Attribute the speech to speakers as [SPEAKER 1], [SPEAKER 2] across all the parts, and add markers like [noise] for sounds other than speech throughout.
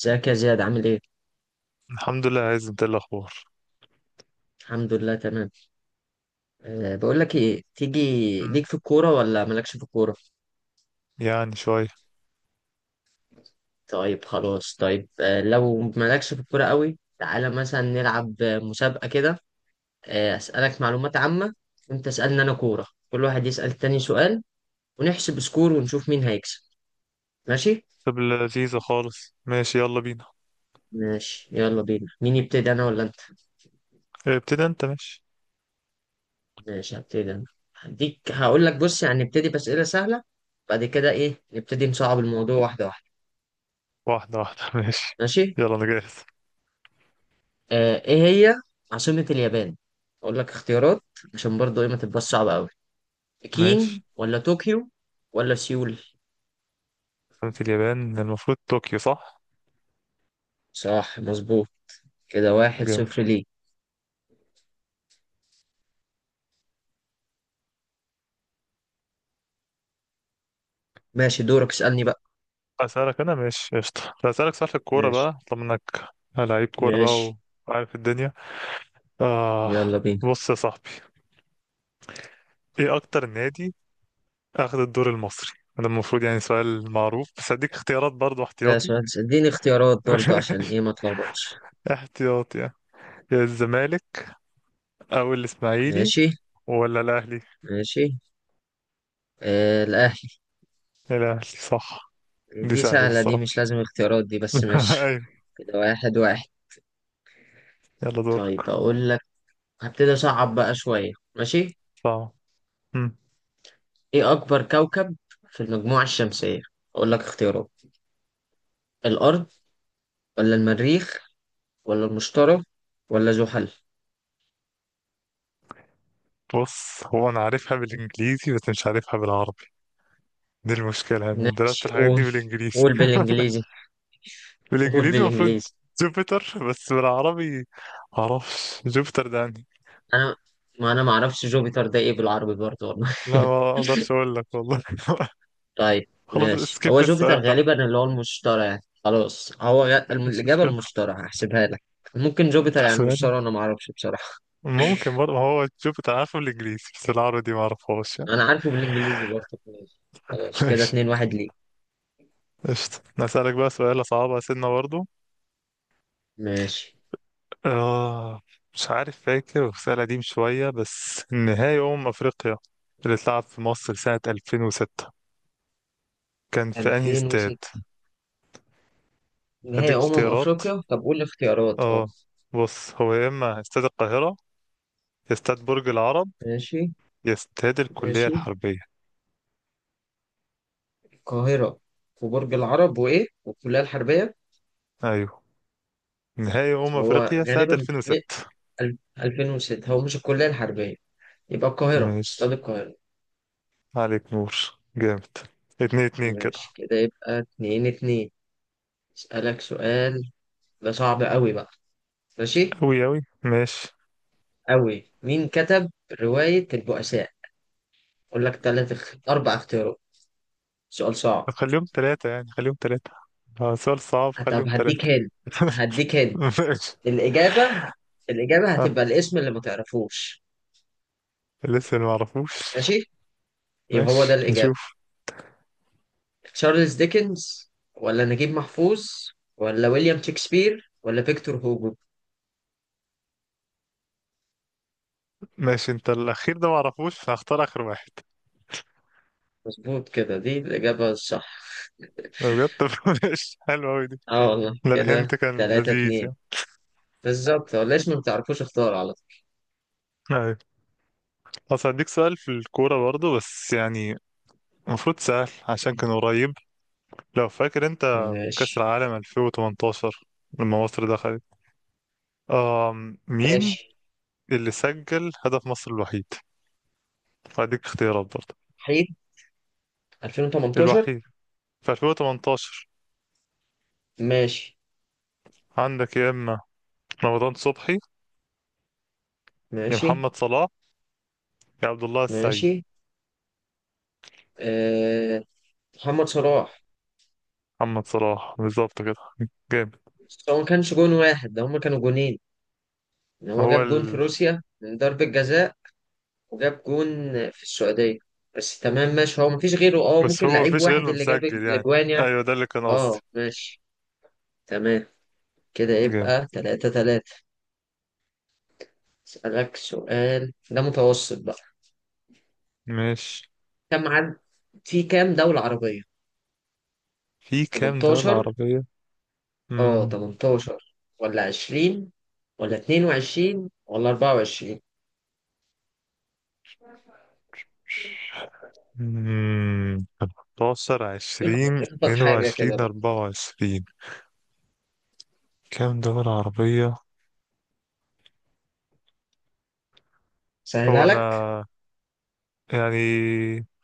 [SPEAKER 1] ازيك يا زياد عامل ايه؟
[SPEAKER 2] الحمد لله، عايز انت إيه الاخبار؟
[SPEAKER 1] الحمد لله تمام. أه، بقول لك ايه، تيجي
[SPEAKER 2] مم.
[SPEAKER 1] ليك في الكورة ولا مالكش في الكورة؟
[SPEAKER 2] يعني شويه.
[SPEAKER 1] طيب خلاص، طيب أه لو مالكش في الكورة قوي تعالى مثلا نلعب مسابقة كده. أه اسألك معلومات عامة، وانت اسألني انا كورة، كل واحد يسأل التاني سؤال ونحسب سكور ونشوف مين هيكسب. ماشي؟
[SPEAKER 2] طب لذيذه خالص، ماشي يلا بينا.
[SPEAKER 1] ماشي، يلا بينا. مين يبتدي، انا ولا انت؟
[SPEAKER 2] اه، ابتدي انت ماشي.
[SPEAKER 1] ماشي، هبتدي انا. هديك، هقول لك بص يعني نبتدي بأسئلة سهلة، بعد كده ايه نبتدي نصعب الموضوع واحدة واحدة.
[SPEAKER 2] واحده واحده [laughs] ماشي.
[SPEAKER 1] ماشي؟
[SPEAKER 2] يلا انا جاهز.
[SPEAKER 1] ايه هي عاصمة اليابان؟ اقول لك اختيارات عشان برضو ايه ما تبقاش صعبة قوي.
[SPEAKER 2] ماشي،
[SPEAKER 1] بكين ولا طوكيو ولا سيول؟
[SPEAKER 2] قلت اليابان المفروض طوكيو صح.
[SPEAKER 1] صح، مظبوط. كده واحد
[SPEAKER 2] جامد.
[SPEAKER 1] صفر ليه. ماشي، دورك اسألني بقى.
[SPEAKER 2] اسالك انا ماشي قشطه، طب اسالك سؤال في الكوره
[SPEAKER 1] ماشي.
[SPEAKER 2] بقى طالما انك لعيب كوره بقى
[SPEAKER 1] ماشي،
[SPEAKER 2] وعارف الدنيا. آه.
[SPEAKER 1] يلا بينا.
[SPEAKER 2] بص يا صاحبي، ايه اكتر نادي اخذ الدور المصري؟ ده المفروض يعني سؤال معروف، بس هديك اختيارات برضو
[SPEAKER 1] لا،
[SPEAKER 2] احتياطي.
[SPEAKER 1] سؤال اديني اختيارات برضو عشان
[SPEAKER 2] [laughs]
[SPEAKER 1] ايه ما اتلخبطش.
[SPEAKER 2] احتياطي يعني. يا الزمالك او الاسماعيلي
[SPEAKER 1] ماشي.
[SPEAKER 2] ولا الاهلي.
[SPEAKER 1] ماشي، آه الاهلي.
[SPEAKER 2] الاهلي صح. دي
[SPEAKER 1] دي
[SPEAKER 2] سهله دي
[SPEAKER 1] سهلة دي،
[SPEAKER 2] الصراحه.
[SPEAKER 1] مش لازم اختيارات دي، بس
[SPEAKER 2] [laughs]
[SPEAKER 1] ماشي.
[SPEAKER 2] ايوه.
[SPEAKER 1] كده واحد واحد.
[SPEAKER 2] يلا دورك.
[SPEAKER 1] طيب اقول لك، هبتدي اصعب بقى شوية، ماشي.
[SPEAKER 2] صعب. مم.
[SPEAKER 1] ايه اكبر كوكب في المجموعة الشمسية؟ اقول لك اختيارات: الارض ولا المريخ ولا المشتري ولا زحل؟
[SPEAKER 2] بص هو انا عارفها بالانجليزي بس مش عارفها بالعربي. دي المشكله يعني، من درست
[SPEAKER 1] ماشي
[SPEAKER 2] الحاجات دي
[SPEAKER 1] قول،
[SPEAKER 2] بالانجليزي.
[SPEAKER 1] قول
[SPEAKER 2] [laughs]
[SPEAKER 1] بالانجليزي. [laughs] قول
[SPEAKER 2] بالانجليزي المفروض
[SPEAKER 1] بالانجليزي.
[SPEAKER 2] جوبيتر، بس بالعربي معرفش جوبيتر ده يعني.
[SPEAKER 1] انا، ما انا ما اعرفش جوبيتر ده ايه بالعربي برضه والله.
[SPEAKER 2] لا ما اقدرش اقول لك والله. [laughs]
[SPEAKER 1] [laughs] طيب
[SPEAKER 2] خلاص
[SPEAKER 1] ماشي، هو
[SPEAKER 2] سكيب
[SPEAKER 1] جوبيتر
[SPEAKER 2] السؤال ده،
[SPEAKER 1] غالبا اللي هو المشتري يعني خلاص،
[SPEAKER 2] مش
[SPEAKER 1] الاجابة
[SPEAKER 2] مشكله.
[SPEAKER 1] المشتري، هحسبها لك. ممكن جوبيتر يعني
[SPEAKER 2] تحسبها لي.
[SPEAKER 1] المشتري، انا ما اعرفش بصراحة.
[SPEAKER 2] ممكن برضه، ما هو جوبيتر عارفه بالانجليزي بس العربي دي ما اعرفهاش يعني.
[SPEAKER 1] انا عارفه بالانجليزي برضه، ماشي.
[SPEAKER 2] [laughs]
[SPEAKER 1] خلاص كده
[SPEAKER 2] ماشي.
[SPEAKER 1] اتنين واحد ليه.
[SPEAKER 2] قشطة نسألك بقى سؤال صعبة سنة برضه.
[SPEAKER 1] ماشي.
[SPEAKER 2] آه. مش عارف فاكر، بس سؤال قديم شوية. بس نهائي أمم أفريقيا اللي اتلعب في مصر سنة 2006، كان في أنهي استاد؟
[SPEAKER 1] 2006 نهائي
[SPEAKER 2] هديك
[SPEAKER 1] أمم
[SPEAKER 2] اختيارات،
[SPEAKER 1] أفريقيا، طب قول الاختيارات اه.
[SPEAKER 2] اه. بص هو يا إما استاد القاهرة، يا استاد برج العرب،
[SPEAKER 1] ماشي.
[SPEAKER 2] يا استاد الكلية
[SPEAKER 1] ماشي.
[SPEAKER 2] الحربية.
[SPEAKER 1] القاهرة وبرج العرب وإيه والكلية الحربية.
[SPEAKER 2] أيوه، نهائي أمم
[SPEAKER 1] هو
[SPEAKER 2] أفريقيا سنة
[SPEAKER 1] غالبا م-
[SPEAKER 2] 2006.
[SPEAKER 1] أل- 2006 هو مش الكلية الحربية، يبقى القاهرة، استاد
[SPEAKER 2] ماشي،
[SPEAKER 1] القاهرة.
[SPEAKER 2] عليك نور. جامد. اتنين اتنين كده.
[SPEAKER 1] ماشي، كده يبقى اتنين اتنين. أسألك سؤال ده صعب أوي بقى، ماشي.
[SPEAKER 2] أوي أوي ماشي.
[SPEAKER 1] أوي، مين كتب رواية البؤساء؟ أقول لك تلات اخ- أربع اختيارات، سؤال
[SPEAKER 2] طب
[SPEAKER 1] صعب.
[SPEAKER 2] خليهم ثلاثة يعني، خليهم ثلاثة. اه سؤال صعب،
[SPEAKER 1] طب
[SPEAKER 2] خليهم
[SPEAKER 1] هديك
[SPEAKER 2] ثلاثة.
[SPEAKER 1] هند، هديك هند.
[SPEAKER 2] [laughs] ماشي.
[SPEAKER 1] الإجابة، الإجابة
[SPEAKER 2] ها.
[SPEAKER 1] هتبقى الاسم اللي ما تعرفوش،
[SPEAKER 2] لسه ما اعرفوش.
[SPEAKER 1] ماشي. يبقى هو ده
[SPEAKER 2] ماشي
[SPEAKER 1] الإجابة:
[SPEAKER 2] نشوف.
[SPEAKER 1] تشارلز ديكنز ولا نجيب محفوظ ولا ويليام شكسبير ولا فيكتور هوجو؟
[SPEAKER 2] ماشي، انت الاخير ده ما اعرفوش فهختار اخر واحد.
[SPEAKER 1] مظبوط كده، دي الإجابة الصح.
[SPEAKER 2] بجد، طب [laughs] ماشي، حلوة اوي دي.
[SPEAKER 1] اه والله،
[SPEAKER 2] ده الهنت
[SPEAKER 1] كده
[SPEAKER 2] كان
[SPEAKER 1] تلاتة
[SPEAKER 2] لذيذ
[SPEAKER 1] اتنين.
[SPEAKER 2] يعني.
[SPEAKER 1] بالظبط، هو الاسم ما تعرفوش اختار على طول.
[SPEAKER 2] ايوه. اصل هديك سؤال في الكورة برضو، بس يعني المفروض سهل عشان كان قريب. لو فاكر انت كأس
[SPEAKER 1] ماشي.
[SPEAKER 2] العالم 2018 لما مصر دخلت، مين
[SPEAKER 1] ماشي.
[SPEAKER 2] اللي سجل هدف مصر الوحيد؟ هديك اختيارات برضه.
[SPEAKER 1] حيد. 2018.
[SPEAKER 2] الوحيد في 2018.
[SPEAKER 1] ماشي.
[SPEAKER 2] عندك يا اما رمضان صبحي، يا
[SPEAKER 1] ماشي.
[SPEAKER 2] محمد صلاح، يا عبد الله السعيد.
[SPEAKER 1] ماشي. آه... محمد صلاح.
[SPEAKER 2] محمد صلاح بالظبط كده. جامد.
[SPEAKER 1] بس هو ما كانش جون واحد ده، هما كانوا جونين، ان هو
[SPEAKER 2] هو
[SPEAKER 1] جاب جون في
[SPEAKER 2] ال...
[SPEAKER 1] روسيا من ضربة جزاء وجاب جون في السعودية، بس تمام ماشي، هو مفيش غيره اه،
[SPEAKER 2] بس
[SPEAKER 1] ممكن
[SPEAKER 2] هو
[SPEAKER 1] لعيب
[SPEAKER 2] مفيش غيره
[SPEAKER 1] واحد
[SPEAKER 2] اللي
[SPEAKER 1] اللي جاب
[SPEAKER 2] مسجل يعني.
[SPEAKER 1] الاجوان يعني.
[SPEAKER 2] ايوه ده اللي كان قصدي.
[SPEAKER 1] اه ماشي، تمام. كده
[SPEAKER 2] جامد.
[SPEAKER 1] يبقى تلاتة تلاتة. اسألك سؤال ده متوسط بقى.
[SPEAKER 2] ماشي،
[SPEAKER 1] كم عدد، في كام دولة عربية؟
[SPEAKER 2] في كام دولة
[SPEAKER 1] 18.
[SPEAKER 2] عربية؟
[SPEAKER 1] اه
[SPEAKER 2] امم
[SPEAKER 1] 18 ولا 20 ولا 22 ولا 24؟
[SPEAKER 2] 15 20
[SPEAKER 1] اخبط حاجة
[SPEAKER 2] 22
[SPEAKER 1] كده بقى،
[SPEAKER 2] 24. كام دولة عربية؟ هو
[SPEAKER 1] سهلها لك.
[SPEAKER 2] أنا يعني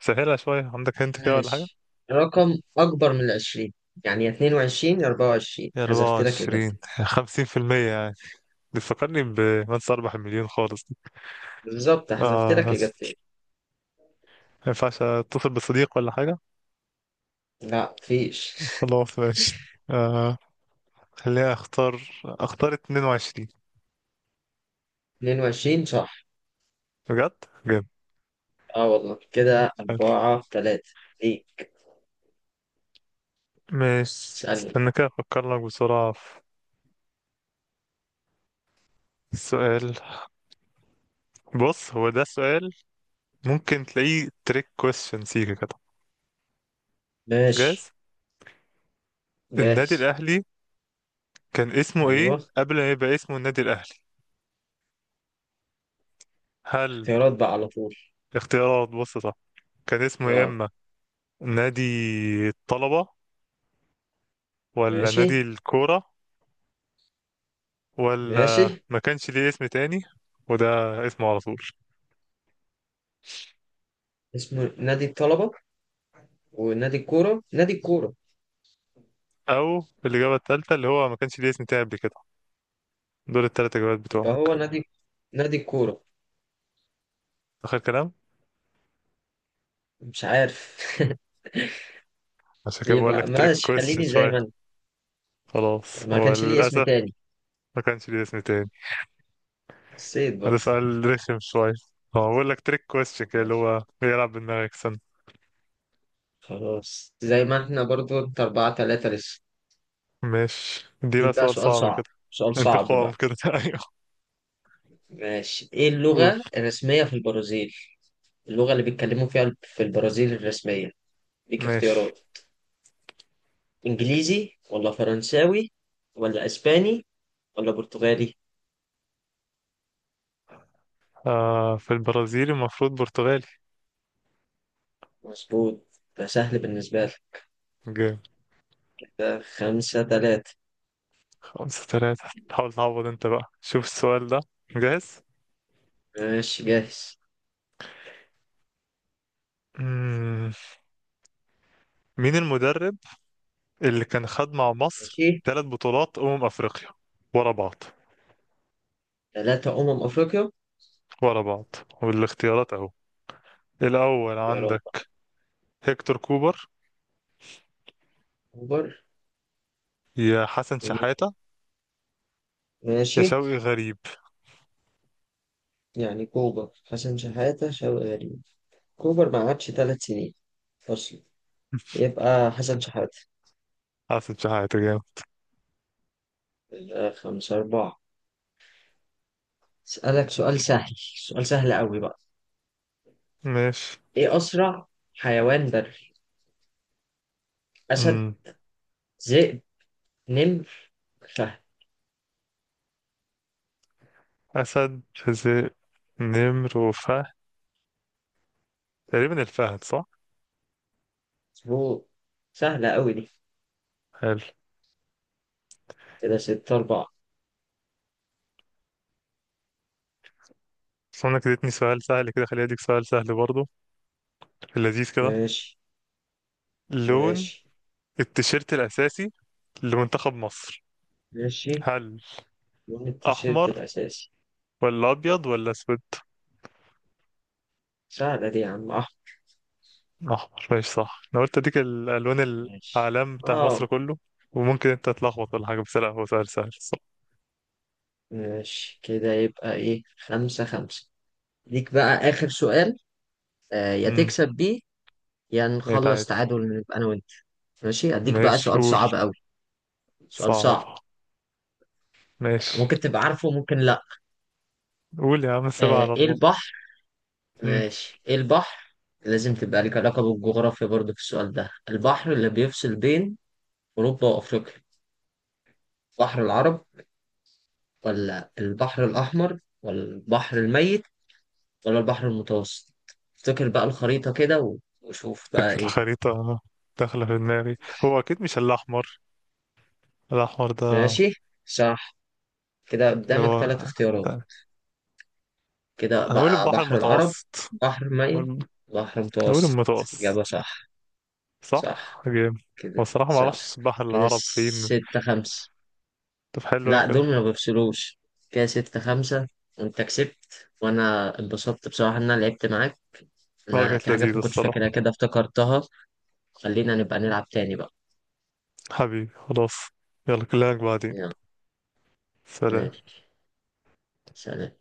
[SPEAKER 2] سهلها شوية، عندك هنت كده ولا حاجة؟
[SPEAKER 1] ماشي، رقم أكبر من العشرين يعني، يا 22 يا 24، حذفت لك
[SPEAKER 2] 24
[SPEAKER 1] إجابتين.
[SPEAKER 2] 50%. بيفكرني بمنسى أربح المليون خالص دي.
[SPEAKER 1] بالظبط، حذفت
[SPEAKER 2] آه،
[SPEAKER 1] لك
[SPEAKER 2] ما
[SPEAKER 1] إجابتين.
[SPEAKER 2] ينفعش أتصل بصديق ولا حاجة.
[SPEAKER 1] لا، فيش.
[SPEAKER 2] خلاص ماشي. آه، خليني أختار 22.
[SPEAKER 1] [laughs] 22 صح.
[SPEAKER 2] بجد جامد.
[SPEAKER 1] اه والله، كده
[SPEAKER 2] حلو.
[SPEAKER 1] أربعة تلاتة. ليك.
[SPEAKER 2] ماشي
[SPEAKER 1] اسألني بقى.
[SPEAKER 2] استنى كده، أفكر لك بسرعة في السؤال. بص هو ده سؤال ممكن تلاقيه تريك كويستشن سيكا كده.
[SPEAKER 1] ماشي
[SPEAKER 2] جاهز. النادي
[SPEAKER 1] جاهز.
[SPEAKER 2] الأهلي كان اسمه إيه
[SPEAKER 1] أيوه.
[SPEAKER 2] قبل ما يبقى اسمه النادي الأهلي؟ هل
[SPEAKER 1] اختيارات بقى على طول.
[SPEAKER 2] اختيارات، بص صح. كان اسمه يا
[SPEAKER 1] اه.
[SPEAKER 2] إما نادي الطلبة، ولا نادي
[SPEAKER 1] ماشي.
[SPEAKER 2] الكورة،
[SPEAKER 1] ماشي.
[SPEAKER 2] ولا ما كانش ليه اسم تاني وده اسمه على طول.
[SPEAKER 1] اسمه نادي الطلبة ونادي الكورة، نادي الكورة.
[SPEAKER 2] أو الإجابة التالتة اللي هو ما كانش ليه اسم تاني قبل كده. دول التلات إجابات
[SPEAKER 1] يبقى
[SPEAKER 2] بتوعك.
[SPEAKER 1] هو نادي، نادي الكورة.
[SPEAKER 2] آخر كلام.
[SPEAKER 1] مش عارف.
[SPEAKER 2] عشان
[SPEAKER 1] [laughs]
[SPEAKER 2] كده بقول
[SPEAKER 1] يبقى
[SPEAKER 2] لك تريك
[SPEAKER 1] ماشي،
[SPEAKER 2] كويستشن
[SPEAKER 1] خليني زي
[SPEAKER 2] شوية.
[SPEAKER 1] ما انا.
[SPEAKER 2] خلاص،
[SPEAKER 1] ما
[SPEAKER 2] هو
[SPEAKER 1] كانش ليه اسم
[SPEAKER 2] للأسف
[SPEAKER 1] تاني.
[SPEAKER 2] ما كانش ليه اسم تاني.
[SPEAKER 1] حسيت
[SPEAKER 2] هذا
[SPEAKER 1] برضه.
[SPEAKER 2] سؤال رخم شوية. هو بقول لك تريك كويستشن كده اللي
[SPEAKER 1] ماشي.
[SPEAKER 2] هو بيلعب بدماغك سن.
[SPEAKER 1] خلاص، زي ما احنا برضه، انت أربعة تلاتة لسه.
[SPEAKER 2] ماشي، دي بقى
[SPEAKER 1] ديك بقى
[SPEAKER 2] سؤال
[SPEAKER 1] سؤال
[SPEAKER 2] صعب كده.
[SPEAKER 1] صعب، سؤال صعب
[SPEAKER 2] انتقام
[SPEAKER 1] بقى.
[SPEAKER 2] كده. [laughs] ايوه.
[SPEAKER 1] ماشي، ايه
[SPEAKER 2] قول
[SPEAKER 1] اللغة الرسمية في البرازيل؟ اللغة اللي بيتكلموا فيها في البرازيل الرسمية. ليك
[SPEAKER 2] ماشي.
[SPEAKER 1] اختيارات: انجليزي ولا فرنساوي ولا اسباني ولا برتغالي؟
[SPEAKER 2] آه، في البرازيل المفروض برتغالي.
[SPEAKER 1] مظبوط، ده سهل بالنسبة لك.
[SPEAKER 2] جامد.
[SPEAKER 1] ده خمسة تلاتة.
[SPEAKER 2] خمسة ثلاثة. حاول تعوض انت بقى، شوف السؤال ده. جاهز.
[SPEAKER 1] ماشي جاهز.
[SPEAKER 2] مم. مين المدرب اللي كان خد مع مصر
[SPEAKER 1] ماشي.
[SPEAKER 2] ثلاث بطولات أمم أفريقيا ورا بعض،
[SPEAKER 1] تلاتة أمم أفريقيا.
[SPEAKER 2] ورا بعض. والاختيارات أهو. الأول
[SPEAKER 1] اختيارات.
[SPEAKER 2] عندك هيكتور كوبر،
[SPEAKER 1] أكبر.
[SPEAKER 2] يا حسن شحاتة، يا
[SPEAKER 1] ماشي.
[SPEAKER 2] شوقي غريب.
[SPEAKER 1] يعني كوبر، حسن شحاتة، شوقي غريب. كوبر ما قعدش ثلاث سنين أصلا، يبقى حسن شحاتة.
[SPEAKER 2] حسن شحاتة، جامد.
[SPEAKER 1] يبقى خمسة أربعة. أسألك سؤال سهل، سؤال سهل قوي بقى.
[SPEAKER 2] ماشي.
[SPEAKER 1] إيه أسرع حيوان بري؟ أسد،
[SPEAKER 2] مم.
[SPEAKER 1] ذئب، نمر، فهد.
[SPEAKER 2] أسد حزق، نمر وفهد. تقريبا الفهد، صح؟
[SPEAKER 1] مظبوط، سهلة قوي دي.
[SPEAKER 2] حلو.
[SPEAKER 1] كده ستة أربعة.
[SPEAKER 2] بس انا كده اديتني سؤال سهل، كده خليني اديك سؤال سهل برضه في اللذيذ كده.
[SPEAKER 1] ماشي.
[SPEAKER 2] لون
[SPEAKER 1] ماشي.
[SPEAKER 2] التيشيرت الأساسي لمنتخب مصر،
[SPEAKER 1] ماشي.
[SPEAKER 2] هل
[SPEAKER 1] لون التيشيرت
[SPEAKER 2] أحمر
[SPEAKER 1] الأساسي.
[SPEAKER 2] ولا أبيض ولا أسود؟
[SPEAKER 1] سهلة دي يا عم أحمد.
[SPEAKER 2] أحمر، ماشي صح. أنا قلت أديك الألوان،
[SPEAKER 1] ماشي.
[SPEAKER 2] الأعلام بتاع مصر
[SPEAKER 1] آه.
[SPEAKER 2] كله، وممكن أنت تتلخبط ولا حاجة، بس لا هو سؤال سهل صح.
[SPEAKER 1] ماشي، كده يبقى إيه خمسة خمسة. ليك بقى آخر سؤال، يا
[SPEAKER 2] امم
[SPEAKER 1] تكسب بيه يا
[SPEAKER 2] بقيت عادي.
[SPEAKER 1] نخلص تعادل نبقى انا وانت. ماشي، اديك بقى
[SPEAKER 2] ماشي
[SPEAKER 1] سؤال
[SPEAKER 2] قول.
[SPEAKER 1] صعب قوي، سؤال صعب،
[SPEAKER 2] صعبة، ماشي.
[SPEAKER 1] ممكن تبقى عارفه ممكن لا.
[SPEAKER 2] قول يا عم، سيبها على
[SPEAKER 1] ايه
[SPEAKER 2] الله.
[SPEAKER 1] البحر،
[SPEAKER 2] امم
[SPEAKER 1] ماشي ايه البحر، لازم تبقى لك علاقة بالجغرافيا برضو في السؤال ده. البحر اللي بيفصل بين اوروبا وافريقيا، بحر العرب ولا البحر الاحمر ولا البحر الميت ولا البحر المتوسط؟ افتكر بقى الخريطة كده وشوف بقى
[SPEAKER 2] فاكر
[SPEAKER 1] ايه.
[SPEAKER 2] الخريطة داخلة في دماغي. هو أكيد مش الأحمر، الأحمر ده
[SPEAKER 1] ماشي. صح. كده
[SPEAKER 2] اللي
[SPEAKER 1] قدامك
[SPEAKER 2] هو.
[SPEAKER 1] ثلاث اختيارات. كده
[SPEAKER 2] أنا أقول
[SPEAKER 1] بقى
[SPEAKER 2] البحر
[SPEAKER 1] بحر العرب،
[SPEAKER 2] المتوسط.
[SPEAKER 1] بحر ميت،
[SPEAKER 2] أقول
[SPEAKER 1] بحر
[SPEAKER 2] أقول
[SPEAKER 1] متوسط.
[SPEAKER 2] المتوسط.
[SPEAKER 1] إجابة صح.
[SPEAKER 2] صح
[SPEAKER 1] صح.
[SPEAKER 2] جيم. هو
[SPEAKER 1] كده
[SPEAKER 2] الصراحة ما اعرفش
[SPEAKER 1] صح.
[SPEAKER 2] السباحة
[SPEAKER 1] كده
[SPEAKER 2] العرب فين.
[SPEAKER 1] ستة خمسة.
[SPEAKER 2] طب حلو أوي
[SPEAKER 1] لا، دول
[SPEAKER 2] كده.
[SPEAKER 1] ما بفصلوش. كده ستة خمسة، وأنت كسبت وأنا اتبسطت بصراحة إن أنا لعبت معاك.
[SPEAKER 2] اه،
[SPEAKER 1] أنا
[SPEAKER 2] كانت
[SPEAKER 1] في حاجات
[SPEAKER 2] لذيذة
[SPEAKER 1] ما كنتش فاكرها
[SPEAKER 2] الصراحة.
[SPEAKER 1] كده افتكرتها. خلينا نبقى نلعب تاني بقى.
[SPEAKER 2] حبيبي خلاص، يلا كلامك بعدين.
[SPEAKER 1] يلا.
[SPEAKER 2] سلام.
[SPEAKER 1] ماشي. سلام.